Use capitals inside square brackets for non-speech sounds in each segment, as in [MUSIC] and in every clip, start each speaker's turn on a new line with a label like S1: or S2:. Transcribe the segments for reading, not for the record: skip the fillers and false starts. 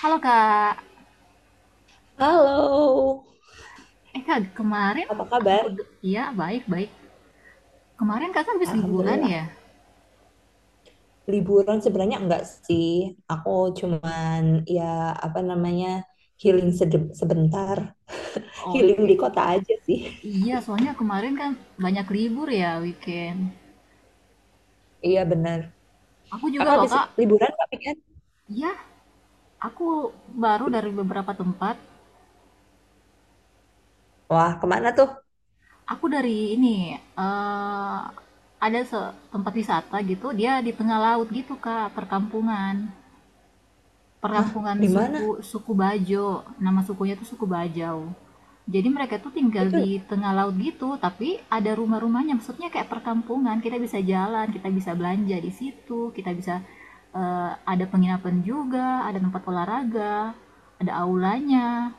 S1: Halo Kak,
S2: Halo,
S1: Kak, kemarin
S2: apa kabar?
S1: aku, iya baik-baik. Kemarin Kakak habis liburan ya?
S2: Alhamdulillah. Liburan sebenarnya enggak sih. Aku cuman ya apa namanya healing sebentar. Healing di
S1: Oke,
S2: kota aja sih.
S1: iya soalnya kemarin kan banyak libur ya weekend.
S2: [LAUGHS] Iya benar.
S1: Aku juga
S2: Kakak
S1: loh
S2: habis
S1: Kak,
S2: liburan Kak Pian?
S1: iya aku baru dari beberapa tempat.
S2: Wah, kemana tuh?
S1: Aku dari ini, eh ada tempat wisata gitu, dia di tengah laut gitu Kak, perkampungan.
S2: Hah,
S1: Perkampungan
S2: di mana?
S1: suku suku Bajo. Nama sukunya tuh suku Bajau. Jadi mereka tuh tinggal
S2: Itu
S1: di tengah laut gitu, tapi ada rumah-rumahnya. Maksudnya kayak perkampungan, kita bisa jalan, kita bisa belanja di situ, ada penginapan juga, ada tempat olahraga, ada aulanya.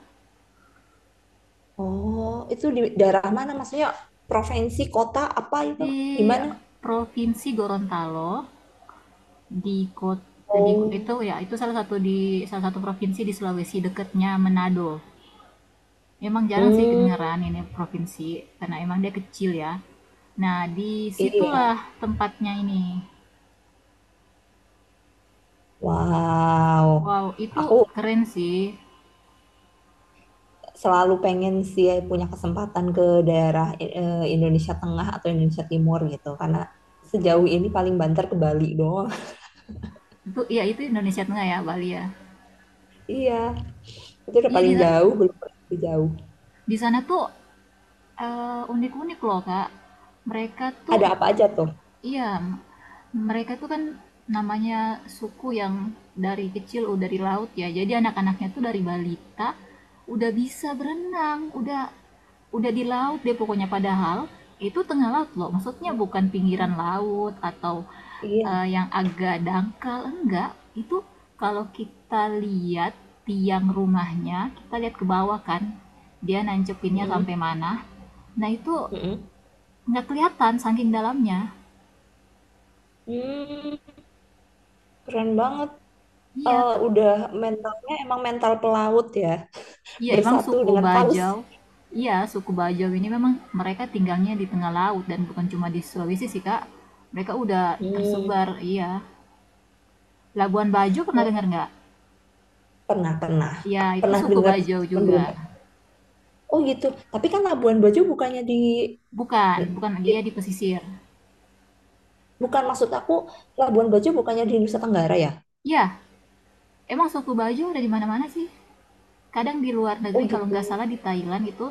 S2: oh, itu di daerah mana? Maksudnya provinsi, kota apa itu? Di
S1: Di
S2: mana?
S1: Provinsi Gorontalo, di kota
S2: Oh.
S1: di salah satu provinsi di Sulawesi dekatnya Manado. Memang jarang sih
S2: Hmm,
S1: kedengeran ini provinsi, karena emang dia kecil ya. Nah, disitulah
S2: iya.
S1: tempatnya ini.
S2: Wow.
S1: Wow, itu
S2: Aku
S1: keren sih.
S2: selalu pengen sih ya punya kesempatan ke daerah Indonesia Tengah atau Indonesia Timur gitu karena sejauh ini paling banter ke Bali doang.
S1: Itu ya itu Indonesia Tengah ya, Bali ya.
S2: [LAUGHS] Iya, itu udah
S1: Iya di
S2: paling jauh, belum pernah lebih jauh.
S1: di sana tuh unik-unik loh, Kak. Mereka tuh
S2: Ada apa aja tuh?
S1: iya, mereka tuh kan namanya suku yang dari kecil udah di laut ya. Jadi anak-anaknya tuh dari balita udah bisa berenang, udah di laut deh pokoknya padahal itu tengah laut loh, maksudnya bukan pinggiran
S2: Ah,
S1: laut atau
S2: iya.
S1: yang agak dangkal enggak itu. Kalau kita lihat tiang rumahnya, kita lihat ke bawah kan dia nancepinnya
S2: Mm-mm,
S1: sampai mana, nah itu
S2: mm-mm.
S1: nggak kelihatan saking dalamnya.
S2: Hmm, keren banget.
S1: iya
S2: Eh, udah, mentalnya emang mental pelaut ya,
S1: iya emang
S2: bersatu
S1: suku
S2: dengan paus.
S1: Bajau. Iya, suku Bajau ini memang mereka tinggalnya di tengah laut dan bukan cuma di Sulawesi sih kak, mereka udah
S2: Hmm.
S1: tersebar. Iya, Labuan Bajo pernah dengar
S2: Oh,
S1: nggak?
S2: pernah, pernah,
S1: Ya, itu
S2: pernah
S1: suku
S2: dengar,
S1: Bajo
S2: cuman
S1: juga.
S2: belum pernah. Oh gitu, tapi kan Labuan Bajo bukannya di
S1: Bukan, bukan
S2: di
S1: dia di pesisir.
S2: Bukan, maksud aku, Labuan Bajo bukannya di Nusa Tenggara ya?
S1: Ya, emang suku Bajo ada di mana-mana sih. Kadang di luar
S2: Oh
S1: negeri kalau nggak
S2: gitu.
S1: salah di Thailand itu,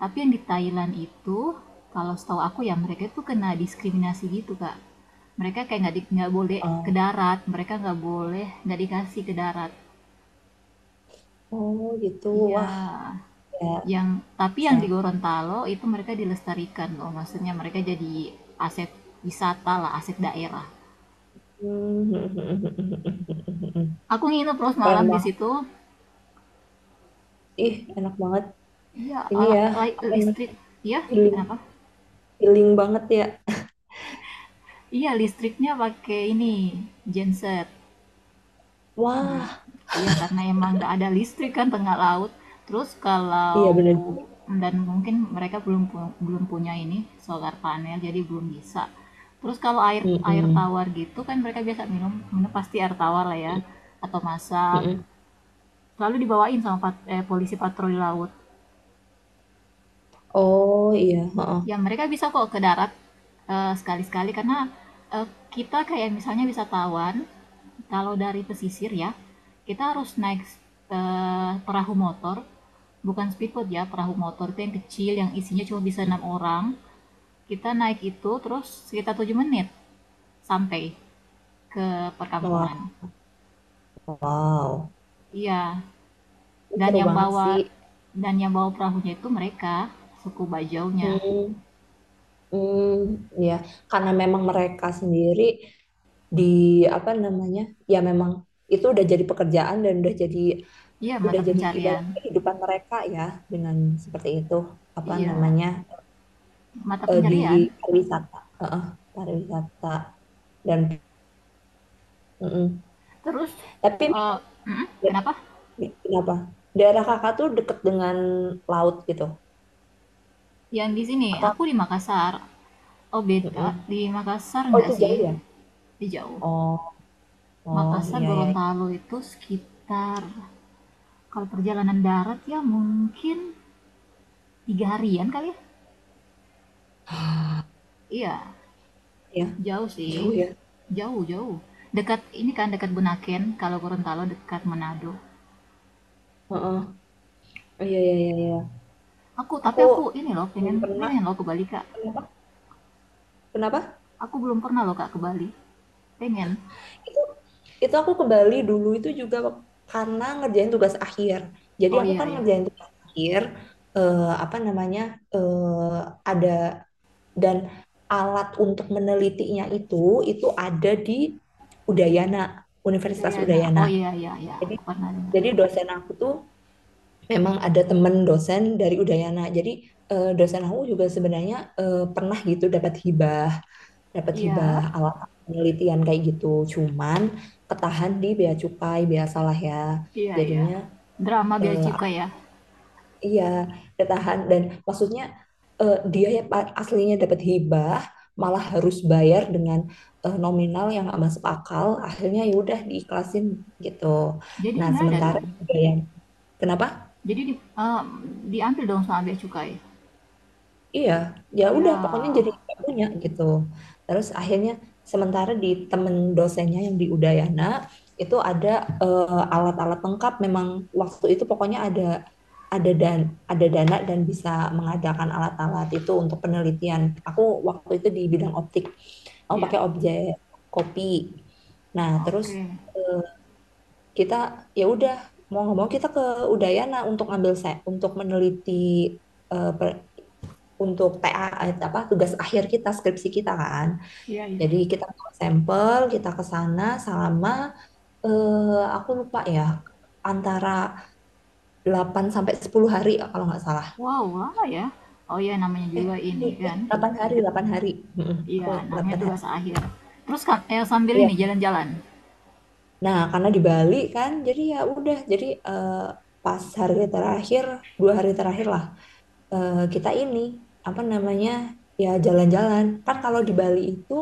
S1: tapi yang di Thailand itu kalau setahu aku ya mereka tuh kena diskriminasi gitu kak. Mereka kayak nggak boleh ke
S2: Oh,
S1: darat, mereka nggak dikasih ke darat.
S2: oh gitu.
S1: Iya,
S2: Wah, ya,
S1: yang tapi yang di
S2: sayang.
S1: Gorontalo itu mereka dilestarikan loh, maksudnya mereka jadi aset wisata lah, aset daerah.
S2: [LAUGHS]
S1: Aku nginep terus
S2: Keren
S1: malam di
S2: banget.
S1: situ.
S2: Ih enak banget.
S1: Iya,
S2: Ini
S1: ala
S2: ya
S1: lai
S2: apa
S1: listrik
S2: namanya?
S1: iya,
S2: Healing,
S1: kenapa?
S2: healing banget ya.
S1: Iya, listriknya pakai ini, genset. Mmm,
S2: Wah,
S1: iya, karena emang nggak ada listrik kan tengah laut. Terus kalau
S2: iya bener juga.
S1: dan mungkin mereka belum punya ini, solar panel, jadi belum bisa. Terus kalau air air
S2: Mm-mm.
S1: tawar gitu kan mereka biasa minum minum pasti air tawar lah ya, atau masak,
S2: Mm-mm.
S1: lalu dibawain sama polisi patroli laut.
S2: Oh iya.
S1: Ya,
S2: Heeh.
S1: mereka bisa kok ke darat, sekali-sekali karena, kita kayak misalnya wisatawan, kalau dari pesisir ya, kita harus naik, perahu motor, bukan speedboat ya, perahu motor itu yang kecil yang isinya cuma bisa 6 orang. Kita naik itu terus sekitar 7 menit sampai ke perkampungan.
S2: Wah, wow.
S1: Iya, dan
S2: Seru
S1: yang
S2: banget
S1: bawa
S2: sih.
S1: dan yang bawa perahunya itu mereka, suku Bajaunya.
S2: Hmm. Hmm, ya karena memang mereka sendiri di apa namanya, ya memang itu udah jadi pekerjaan dan udah jadi
S1: Iya, mata
S2: udah jadi ibarat
S1: pencarian.
S2: kehidupan mereka ya, dengan seperti itu, apa
S1: Iya,
S2: namanya,
S1: mata
S2: di
S1: pencarian.
S2: pariwisata, heeh, pariwisata dan mhm,
S1: Terus,
S2: tapi
S1: eee mhm, kenapa?
S2: kenapa? Daerah Kakak tuh deket dengan laut gitu?
S1: Yang di sini,
S2: Atau
S1: aku di Makassar. Oh beda,
S2: mhm,
S1: di Makassar
S2: oh itu
S1: enggak sih,
S2: jauh ya?
S1: di jauh.
S2: Oh, oh,
S1: Makassar,
S2: iya iya ya,
S1: Gorontalo itu sekitar kalau perjalanan darat ya mungkin 3 harian kali ya? Iya, jauh sih,
S2: jauh ya?
S1: jauh jauh. Dekat ini kan, dekat Bunaken, kalau Gorontalo dekat Manado.
S2: Heeh, oh, iya iya iya iya.
S1: Aku tapi
S2: Aku
S1: aku ini loh
S2: belum
S1: pengen
S2: pernah.
S1: pengen loh ke Bali, Kak.
S2: Kenapa? Kenapa?
S1: Aku belum pernah loh, Kak, ke Bali. Pengen.
S2: Itu itu aku ke Bali dulu itu juga karena ngerjain tugas akhir. Jadi
S1: Oh
S2: aku
S1: iya
S2: kan
S1: ya,
S2: ngerjain tugas akhir, apa namanya, eh, ada dan alat untuk menelitinya itu ada di Udayana, Universitas
S1: Dayana.
S2: Udayana.
S1: Oh iya iya ya,
S2: Jadi
S1: aku pernah dengar.
S2: jadi dosen aku tuh memang ada temen dosen dari Udayana. Jadi dosen aku juga sebenarnya pernah gitu dapat hibah
S1: Iya,
S2: alat penelitian kayak gitu, cuman ketahan di bea cukai biasalah ya,
S1: iya iya.
S2: jadinya
S1: Drama bea
S2: eh,
S1: cukai ya.
S2: iya, ketahan, dan maksudnya dia ya aslinya dapat hibah malah harus bayar dengan nominal yang nggak masuk akal, akhirnya ya udah diikhlasin gitu.
S1: Jadi
S2: Nah
S1: nggak ada
S2: sementara
S1: dong.
S2: hibah yang kenapa...
S1: Jadi diambil dong sama bea cukai.
S2: Iya, ya udah pokoknya jadi
S1: Ya,
S2: nggak punya gitu. Terus akhirnya sementara di temen dosennya yang di Udayana itu ada alat-alat lengkap. Memang waktu itu pokoknya ada dan ada dana dan bisa mengadakan alat-alat itu untuk penelitian. Aku waktu itu di bidang optik. Aku
S1: iya.
S2: pakai objek kopi. Nah, terus
S1: Oke.
S2: eh, kita ya udah mau nggak mau kita ke Udayana untuk ngambil untuk meneliti untuk TA, apa, tugas akhir kita, skripsi kita kan.
S1: Iya, iya.
S2: Jadi kita bawa sampel, kita ke sana selama aku lupa ya, antara 8 sampai 10 hari kalau nggak salah.
S1: Wow, lama ya. Oh iya, namanya
S2: Eh,
S1: juga ini
S2: eh,
S1: kan.
S2: 8 hari, 8 hari. mm Aku
S1: Iya, namanya
S2: 8
S1: tugas
S2: hari.
S1: akhir. Terus kan sambil
S2: Iya.
S1: ini jalan-jalan.
S2: Nah, karena di Bali kan, jadi ya udah, jadi pas hari terakhir, dua hari terakhir lah, kita ini, apa namanya, ya jalan-jalan. Kan kalau di Bali itu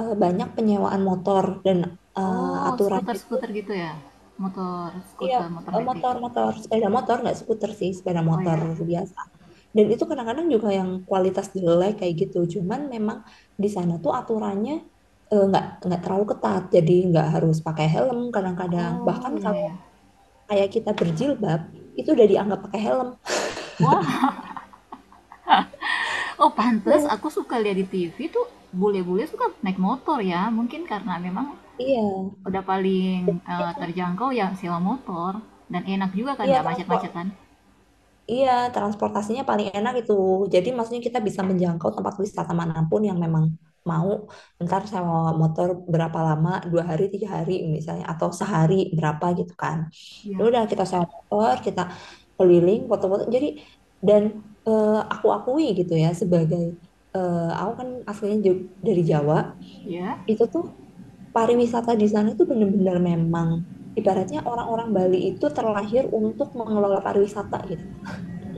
S2: banyak penyewaan motor dan eh,
S1: Oh,
S2: aturannya itu
S1: skuter-skuter gitu ya. Motor,
S2: ya
S1: skuter, motor metik.
S2: motor-motor, sepeda motor, nggak skuter sih, sepeda
S1: Oh
S2: motor
S1: iya.
S2: biasa, dan itu kadang-kadang juga yang kualitas jelek kayak gitu, cuman memang di sana tuh aturannya nggak terlalu ketat, jadi nggak harus pakai helm kadang-kadang,
S1: Oh
S2: bahkan
S1: iya
S2: kalau
S1: ya.
S2: kayak kita berjilbab itu udah dianggap pakai helm.
S1: Wah, oh pantes,
S2: Iya,
S1: aku suka lihat di TV tuh bule-bule suka naik motor ya. Mungkin karena memang
S2: iya,
S1: udah paling
S2: iya,
S1: terjangkau ya sewa motor dan enak juga kan
S2: iya,
S1: nggak
S2: transport...
S1: macet-macetan.
S2: Iya, transportasinya paling enak itu. Jadi maksudnya kita bisa menjangkau tempat wisata manapun yang memang mau. Ntar sewa motor berapa lama, 2 hari, 3 hari misalnya, atau sehari berapa gitu kan. Ya
S1: Iya,
S2: udah kita sewa motor, kita keliling, foto-foto. Jadi dan aku akui gitu ya, sebagai aku kan aslinya dari Jawa,
S1: iya,
S2: itu tuh pariwisata di sana itu benar-benar memang, ibaratnya orang-orang Bali itu terlahir untuk mengelola pariwisata gitu.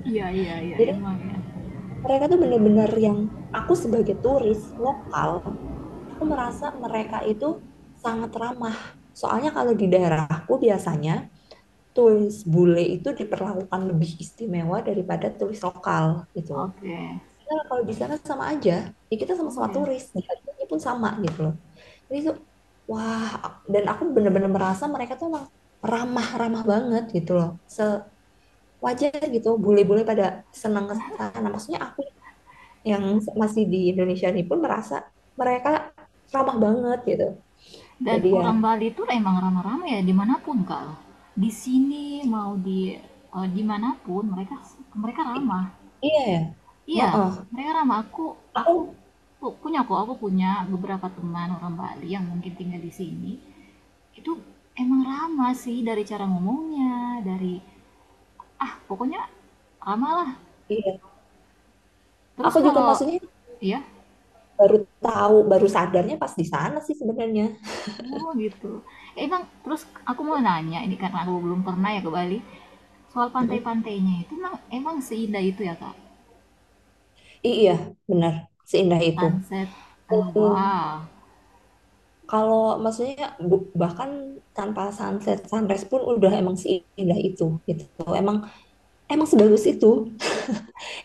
S1: iya, iya, iya
S2: Jadi
S1: emang ya.
S2: mereka tuh bener-bener yang, aku sebagai turis lokal, aku merasa mereka itu sangat ramah, soalnya kalau di daerahku biasanya turis bule itu diperlakukan lebih istimewa daripada turis lokal gitu.
S1: Oke,
S2: Padahal kalau di sana sama aja, ya kita
S1: oh
S2: sama-sama
S1: ya.
S2: turis, dihargainya pun sama gitu loh. Jadi tuh wah, dan aku bener-bener merasa mereka tuh emang ramah-ramah banget gitu loh, sewajar gitu bule-bule pada senang ke sana, maksudnya aku yang masih di Indonesia ini pun merasa mereka ramah banget gitu.
S1: Dan
S2: Jadi ya,
S1: orang Bali itu emang ramah-ramah ya dimanapun kalau di sini mau di dimanapun mereka mereka
S2: i-
S1: ramah.
S2: iya ya.
S1: Iya,
S2: Heeh.
S1: mereka ramah. Aku aku
S2: Aku,
S1: pu- punya kok, aku punya beberapa teman orang Bali yang mungkin tinggal di sini. Itu emang ramah sih dari cara ngomongnya, dari ah pokoknya ramah lah.
S2: iya.
S1: Terus
S2: Aku juga
S1: kalau
S2: maksudnya
S1: iya,
S2: baru tahu, baru sadarnya pas di sana sih sebenarnya.
S1: oh gitu. Ya, emang terus aku mau nanya ini karena aku belum pernah ya ke Bali. Soal
S2: Mm-mm.
S1: pantai-pantainya itu emang emang seindah itu ya, Kak?
S2: Iya, benar. Seindah itu.
S1: Sunset.
S2: Mm.
S1: Wow.
S2: Kalau maksudnya bahkan tanpa sunset sunrise pun udah emang seindah itu gitu. Emang emang sebagus itu.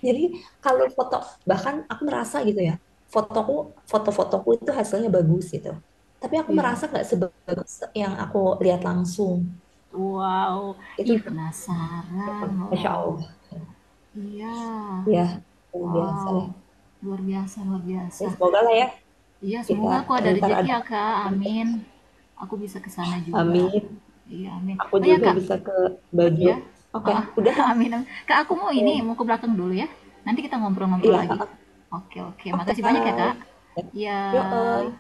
S2: Jadi kalau foto, bahkan aku merasa gitu ya, fotoku foto-fotoku itu hasilnya bagus gitu. Tapi aku
S1: Iya.
S2: merasa nggak sebagus yang aku lihat langsung.
S1: Wow,
S2: Itu
S1: ih
S2: berarti ya,
S1: penasaran
S2: Masya
S1: loh.
S2: Allah.
S1: Iya,
S2: Ya, luar biasa deh.
S1: wow, luar
S2: Ya,
S1: biasa.
S2: semoga lah ya
S1: Iya,
S2: kita
S1: semoga aku ada
S2: ntar
S1: rezeki
S2: ada
S1: ya, Kak,
S2: kesempatan.
S1: amin. Aku bisa ke sana juga.
S2: Amin.
S1: Iya, amin.
S2: Aku
S1: Oh ya,
S2: juga
S1: Kak.
S2: bisa ke baju.
S1: Iya.
S2: Oke,
S1: Heeh,
S2: udah ya.
S1: [LAUGHS] amin, amin. Kak, aku mau
S2: Oke.
S1: ini, mau ke belakang dulu ya. Nanti kita ngobrol-ngobrol lagi.
S2: Iya,
S1: Oke, oke. Makasih banyak ya, Kak.
S2: oke.
S1: Iya.
S2: Yo, oi.